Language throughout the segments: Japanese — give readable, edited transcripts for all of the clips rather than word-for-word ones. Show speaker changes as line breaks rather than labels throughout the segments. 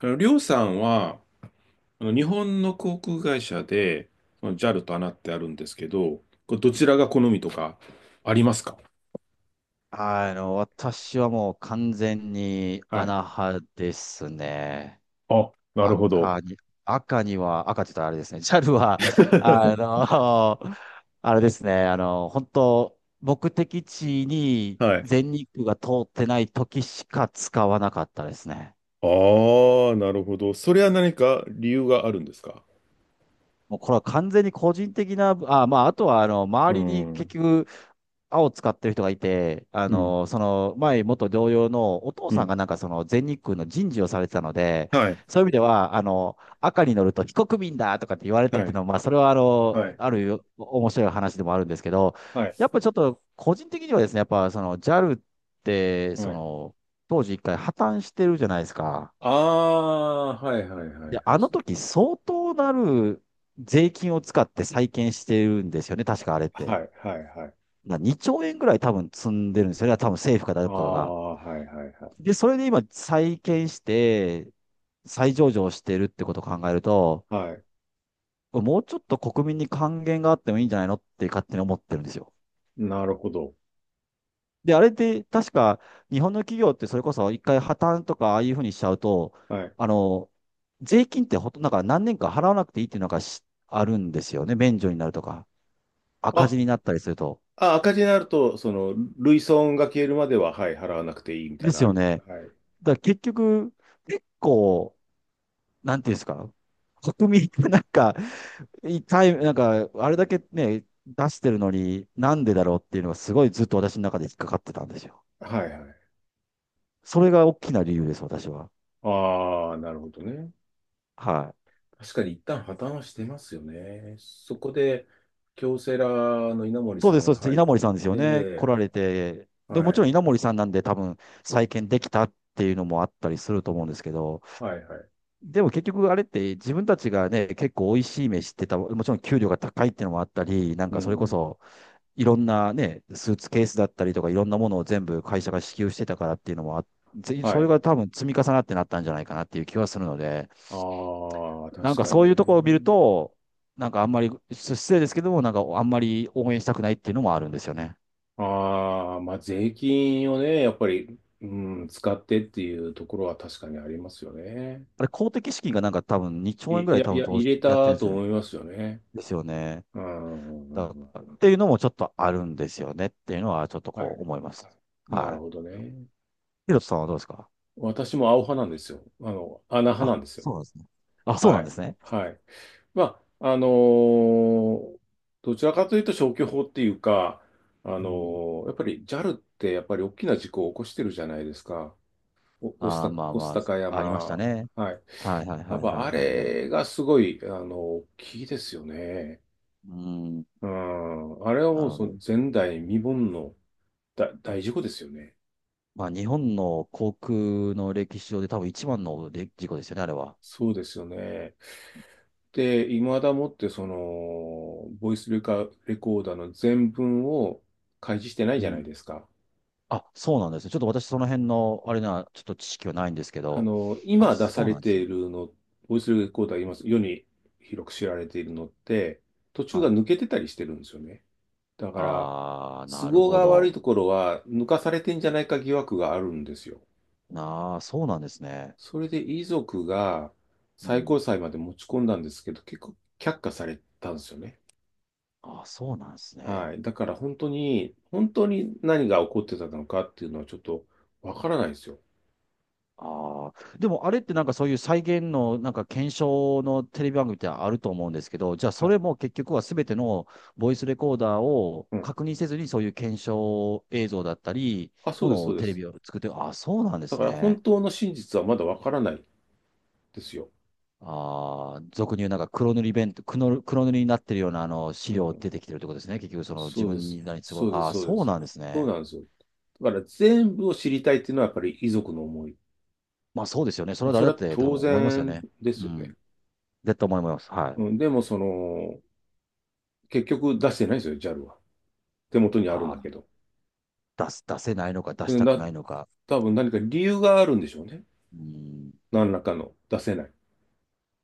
りょうさんは、日本の航空会社で、JAL と a n ってあるんですけど、これどちらが好みとかありますか？
私はもう完全に
はい。
穴派ですね。
あ、なるほど。
赤に、赤には、赤って言ったらあれですね。ジャルは、あ の、あれですね。あの、本当目的地に
はい。
全日空が通ってない時しか使わなかったですね。
ああ、なるほど。それは何か理由があるんですか？
もうこれは完全に個人的な、あ、まあ、あとは、
う
周りに結
ん、
局、青使ってる人がいて、
うん、
前、元同僚のお父
う
さん
ん。
がなんかその全日空の人事をされてたので、
はい、
そういう意味では、赤に乗ると非国民だとかって言われたっ
は
ていう
い、
のは、まあ、それは、
はい、
あるよ面白い話でもあるんですけど、
はい、
やっぱちょっと、個人的にはですね、やっぱ、その、JAL って、
は
そ
い、
の、当時一回破綻してるじゃないですか。
ああ、はい、はい、はい、
で、
はい。
あの時相当なる税金を使って再建してるんですよね、確かあれっ
は
て。
い、はい、はい。
な2兆円ぐらい多分積んでるんですよね、多分政府か
あ
誰かが。
あ、はい、はい、はい。
で、それで今再建して、再上場してるってことを考えると、
はい、
もうちょっと国民に還元があってもいいんじゃないのって勝手に思ってるんですよ。
なるほど。
で、あれって確か日本の企業ってそれこそ一回破綻とかああいうふうにしちゃうと、
はい。
あの、税金ってほとんどなんか何年か払わなくていいっていうのがしあるんですよね、免除になるとか。赤字
あ、
になったりすると。
あ、赤字になると、類損が消えるまでは、はい、払わなくていいみたい
で
な
す
のあ
よ
り。
ね。
はい。
だから結局、結構、なんていうんですか、国民がなんか、一回、なんか、あれだけね、出してるのに、なんでだろうっていうのがすごいずっと私の中で引っかかってたんですよ。
はいはい。
それが大きな理由です、私は。
ああ、なるほどね。
はい。
確かに一旦破綻はしてますよね。そこで、京セラの稲森
そう
さ
です、
ん
そう
が
です。
入っ
稲森さんですよね。
て、
来られて。
は
で、もちろ
い、
ん稲森さんなんで多分再建できたっていうのもあったりすると思うんですけど、
はい、はい。
でも結局あれって自分たちがね、結構美味しい飯ってた、もちろん給料が高いっていうのもあったり、なん
う
かそれこ
ん。
そいろんなね、スーツケースだったりとかいろんなものを全部会社が支給してたからっていうのもあってぜそ
は
れ
い。
が多分積み重なってなったんじゃないかなっていう気はするので、
ああ、
なん
確
か
か
そ
に
ういうところを見る
ね。
と、なんかあんまり、失礼ですけども、なんかあんまり応援したくないっていうのもあるんですよね。
ああ、まあ、税金をね、やっぱり、うん、使ってっていうところは確かにありますよね。
あれ公的資金がなんか多分2兆円ぐ
い
らい
や、
多
い
分
や、
投
入
資
れ
やって
た
るんです
と
よね。
思いますよね。
ですよね。っ
うんう
た
ん
っ
うん。
ていうのもちょっとあるんですよねっていうのはちょっと
は
こ
い。
う思います。
な
は
る
い。
ほどね。
ヒロトさんはどうですか？
私も青派なんですよ。穴派な
あ、
んですよ。
そうなんですね。あ、そうな
は
んで
い。
すね。
はい。まあ、どちらかというと消去法っていうか、あ
う
の
ん。
やっぱり JAL ってやっぱり大きな事故を起こしてるじゃないですか。お、御巣
あ
た、
あ、まあ
御巣
ま
鷹
あ、ありました
山。
ね。
はい。
はいはい
や
は
っ
いは
ぱ
い
あ
はいはい。う
れがすごい、大きいですよね。
ーん、
うん。あれは
な
もう
るほ
その
ど。
前代未聞の大事故ですよね。
まあ、日本の航空の歴史上で多分一番ので事故ですよね、あれは。
そうですよね。で、いまだもってその、ボイスレカ、レコーダーの全文を開示してない
う
じゃない
ん。
ですか。
あ、そうなんですね。ちょっと私その辺の、あれな、ちょっと知識はないんですけど。あ、
今出さ
そう
れ
なんで
て
すね。
いるの、ボイスレコーダー今世に広く知られているのって、途中
は
が
い。
抜けてたりしてるんですよね。だから、
ああ、
都
なる
合
ほ
が悪い
ど。
ところは抜かされてんじゃないか疑惑があるんですよ。
なあ、そうなんですね。
それで遺族が
う
最
ん。
高裁まで持ち込んだんですけど、結構却下されたんですよね。
あ、そうなんですね。
はい。だから本当に、本当に何が起こってたのかっていうのはちょっとわからないですよ。
ああ、でもあれってなんかそういう再現のなんか検証のテレビ番組ってあると思うんですけど、じゃあそ
はい。
れも結局はすべてのボイスレコーダーを
うん。
確認せずにそういう検証映像だったり、
あ、そ
も
うです、
の
そ
を
うで
テレ
す。
ビを作って、ああ、そうなんで
だ
す
から本
ね。
当の真実はまだわからないですよ。
ああ、俗に言うなんか黒塗り弁当、黒、黒塗りになってるようなあの資
う
料
ん。
出てきてるってことですね。結局その自
そうで
分
す。
に何すごい、
そうです、
ああ、
そうで
そう
す。
なんです
そう
ね。
なんですよ。だから全部を知りたいっていうのはやっぱり遺族の思い。
まあそうですよね。それ
まあ、
は
そ
誰だ
れ
っ
は
て多
当
分思いますよ
然
ね。
で
う
すよね。
ん。絶対思います。はい。
うん。でも結局出してないですよ、JAL は。手元にあるん
あ
だ
あ。
けど。
出す、出せないのか、出し
で
たく
な、
ないのか。
多分何か理由があるんでしょうね。
うん、
何らかの出せない。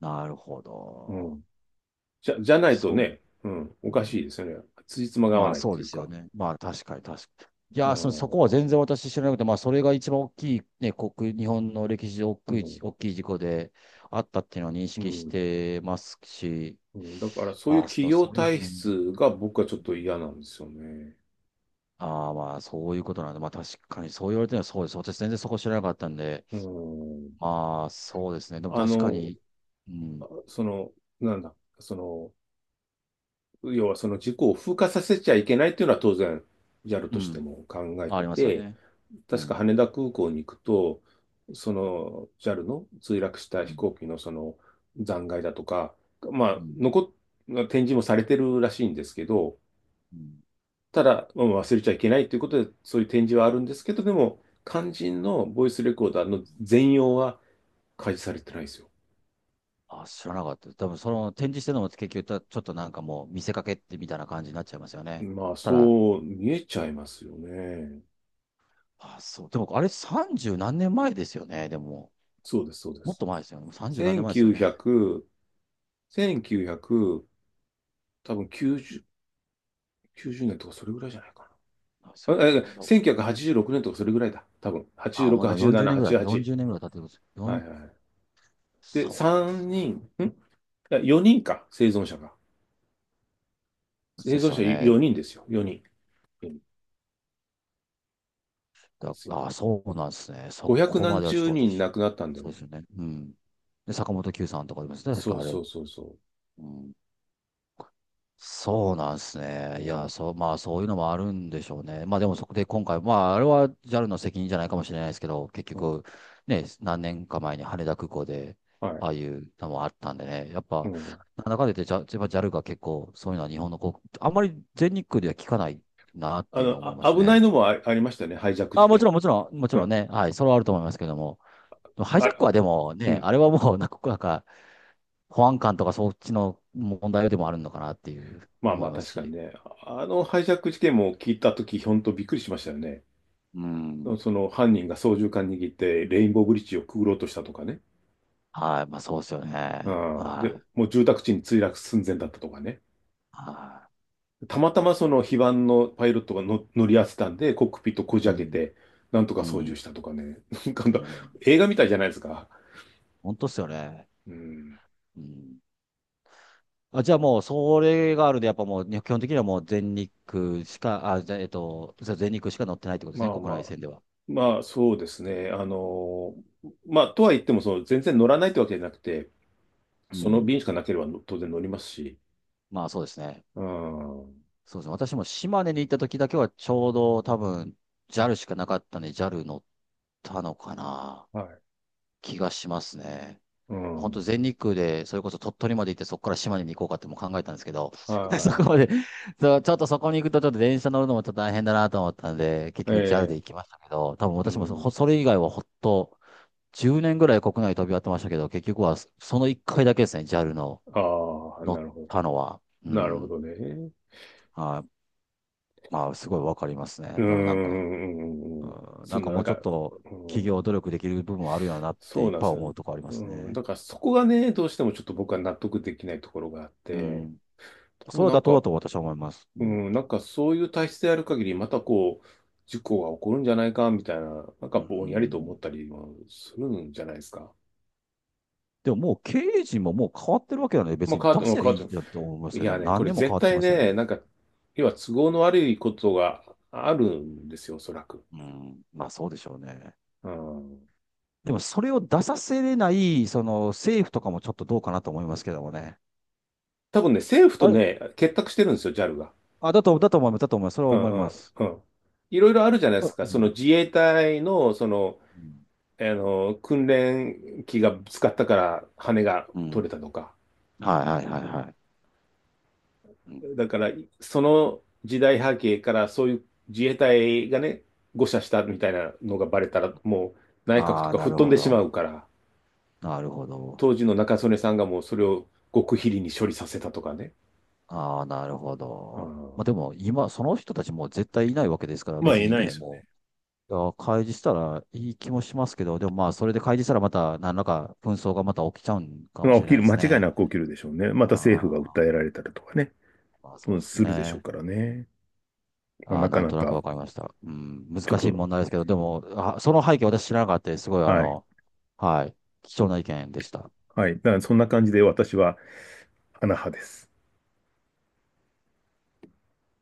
なるほ
う
ど。
ん。じゃないと
そ
ね、うん、
う、
お
う
かしい
ん。
ですよね。辻褄が合わ
まあ
ないっ
そう
てい
で
う
すよ
か。
ね。まあ確かに確かに。い
う
やー、そ、
ん、
そ
う
こ
ん、
は全然私知らなくて、まあそれが一番大きい、ね、国、日本の歴史で大きい、大きい事故であったっていうのは認
う
識し
ん。
てますし、
うん。だからそういう
ああ、
企
そ
業
そういう、ふう
体
に、
質が僕はちょっと嫌なんですよね。
ああー、まあそういうことなんで、まあ確かにそう言われてるのはそうです。私全然そこ知らなかったんで、
うん。
まあそうですね。でも
あ
確か
の、
に、うん、
その、なんだ、その、要はその事故を風化させちゃいけないっていうのは当然 JAL
う
として
ん。
も考え
あ
て
りますよ
て、
ね。う
確か
ん。
羽田空港に行くと、その JAL の墜落した
う
飛
ん。
行機のその残骸だとか、ま
う
あ、
ん。
展示もされてるらしいんですけど、
うん。
ただ、まあ忘れちゃいけないということで、そういう展示はあるんですけど、でも、肝心のボイスレコーダー
うん。
の全容は開示されてないですよ。
あ、知らなかった。多分その展示してるのも結局た、ちょっとなんかもう見せかけってみたいな感じになっちゃいますよね。
まあ、
ただ、
そう見えちゃいますよね。
あ、そう。でもあれ三十何年前ですよね。でも、
そうです、そうで
もっ
す。
と前ですよね。三十何年前ですよね。
1900、1 9多分90、90年とかそれぐらいじゃないか
なんです
な。
よね。だ
1986年とかそれぐらいだ。多分。
あ、
86、
まだ四十
87、
年ぐらい、四
88。
十年ぐらい経ってるんです。
は
4
いはい。で、
そうなんで
3
す。
人、んいや、4人か、生存者が。生
です
存
よ
者
ね。
4人ですよ。4人。よにんで
だ、
すよ。
あ、そうなんですね。そ
500
こま
何
ではちょっ
十
と
人
私、
亡くなったんだよ
そう
ね。
ですよね。うん。で、坂本九さんとかいますね。確
そ
か
う
あれ。
そうそうそ
うん。そうなんです
う。
ね。い
う
や、
ん。
そう、まあ、そういうのもあるんでしょうね。まあ、でもそこで今回、まあ、あれは JAL の責任じゃないかもしれないですけど、結
うん。
局、ね、何年か前に羽田空港で、
はい。
ああいうのもあったんでね、やっ
う
ぱ、
ん。
なんだかんだ言って、ジャ、やっぱ JAL が結構、そういうのは日本の航空、あんまり全日空では聞かないなっ
あ
ていうの
の、
を思いま
あ、
す
危ない
ね。
のもありましたね。ハイジャック事
あ、もち
件。
ろん、もちろん、もち
う
ろん
ん。
ね、はい、それはあると思いますけども、でもハイジャッ
あ、
クはでも
う
ね、
ん。
あれはもう、なんか、なんか保安官とかそっちの問題でもあるのかなっていう
まあ
思
ま
い
あ、
ます
確かに
し。
ね。あのハイジャック事件も聞いたとき、ほんとびっくりしましたよね。
うん。
その犯人が操縦桿握ってレインボーブリッジをくぐろうとしたとかね。
はい。まあ、そうですよ
う
ね。
ん。
は
で、
い。
もう住宅地に墜落寸前だったとかね。
は
たまたまその非番のパイロットがの乗り合わせたんで、コックピットこじ
い。う
開け
ん。
て、なんとか
う
操縦
ん。
したとかね。なん
う
か
ん。
映画みたいじゃないですか。
本当っすよね。
うん。
うん。あ、じゃあもう、それがあるんで、やっぱもう、ね基本的にはもう全日空しか、あ、じゃあ、そう全日空しか乗ってないってことです
ま
ね、
あ
国
ま
内
あ。
線では。
まあそうですね。まあとは言っても、全然乗らないってわけじゃなくて、
う
その
ん。
便しかなければの当然乗りますし。
まあ、そうですね。
うん。は
そうですね。私も島根に行った時だけは、ちょうど多分、JAL しかなかったんで、JAL 乗ったのかな、
い。
気がしますね。
う
本当
ん。
全日空で、それこそ鳥取まで行って、そこから島根に行こうかっても考えたんですけど、そこ
は
まで、そうちょっとそこに行くと、ちょっと電車乗るのもちょっと大変だなと思ったんで、結
い。え
局 JAL で
え。
行きましたけど、多分
う
私もそ
ん。
ほそれ以外はほっと、10年ぐらい国内飛び回ってましたけど、結局はその1回だけですね、JAL の
ああ、
乗
な
っ
るほ
たのは。う
ど。なるほ
ん。
どね。
はい。まあ、すごいわかります
う
ね。
ー
でもなんか、
ん。
うん、
そ
なん
ん
か
な、な
も
ん
うちょっ
か、
と
う
企業
ん、
努力できる部分はあるよなって
そ
い
う
っ
なん
ぱ
で
い
すよ。
思うとこあります
うん、
ね。
だからそこがね、どうしてもちょっと僕は納得できないところがあっ
う
て、
ん。そ
もう
れは
な
妥
ん
当だ
か、
と私は思います。う
う
ん。
ん、なんかそういう体質である限り、またこう、事故が起こるんじゃないか、みたいな、なん
う
かぼんやりと思っ
ん。
たりもするんじゃないですか。
でももう経営陣ももう変わってるわけだね。
まあ、
別に
変わって
出
も、う
せば
変
い
わ
い
っ
じゃんって思いま
て
す
い
よね。
や
もう
ね、こ
何
れ
年も変
絶
わって
対
ますよね。
ね、なんか、要は都合の悪いことがあるんですよ、おそらく。
うん。まあそうでしょうね。
うん。
でもそれを出させれない、その政府とかもちょっとどうかなと思いますけどもね。
多分ね、政府と
あれ、
ね、結託してるんですよ、JAL が。
あ、だと、だと思います。だと思います。それ
う
は
ん
思い
う
ま
ん
す。
うん。いろいろあるじゃないで
あ
すか。
う
その
ん。
自衛隊の、
うん。
訓練機がぶつかったから羽が
う
取
ん。
れたとか。
はいはいはいはい。うん。
だから、その時代背景からそういう自衛隊がね、誤射したみたいなのがバレたら、もう内閣と
ああ、
か
な
吹っ
る
飛ん
ほ
でしま
ど。
うから、
なるほど。
当時の中曽根さんがもうそれを極秘裏に処理させたとかね。
ああ、なるほ
う
ど。まあ
ん、
でも今、その人たちもう絶対いないわけですから、
まあ、
別
言え
に
ないで
ね、
すよ。
もいや、開示したらいい気もしますけど、でもまあ、それで開示したらまた、何らか紛争がまた起きちゃうんかも
まあ、
し
起
れ
き
ない
る、
で
間
す
違い
ね。
なく起きるでしょうね。ま
あ
た政府が訴
あ、
えられたりとかね、
まあそう
う
で
ん
す
するでしょう
ね。
からね。まあ、
あ
な
あ、
か
なん
な
となく
か、
わかりました。うん、難
ちょっ
しい問
と、
題ですけど、でも、あ、その背景私知らなかったです。すごい、
はい、
はい、貴重な意見でした。
はい。だからそんな感じで私は、アナ派です。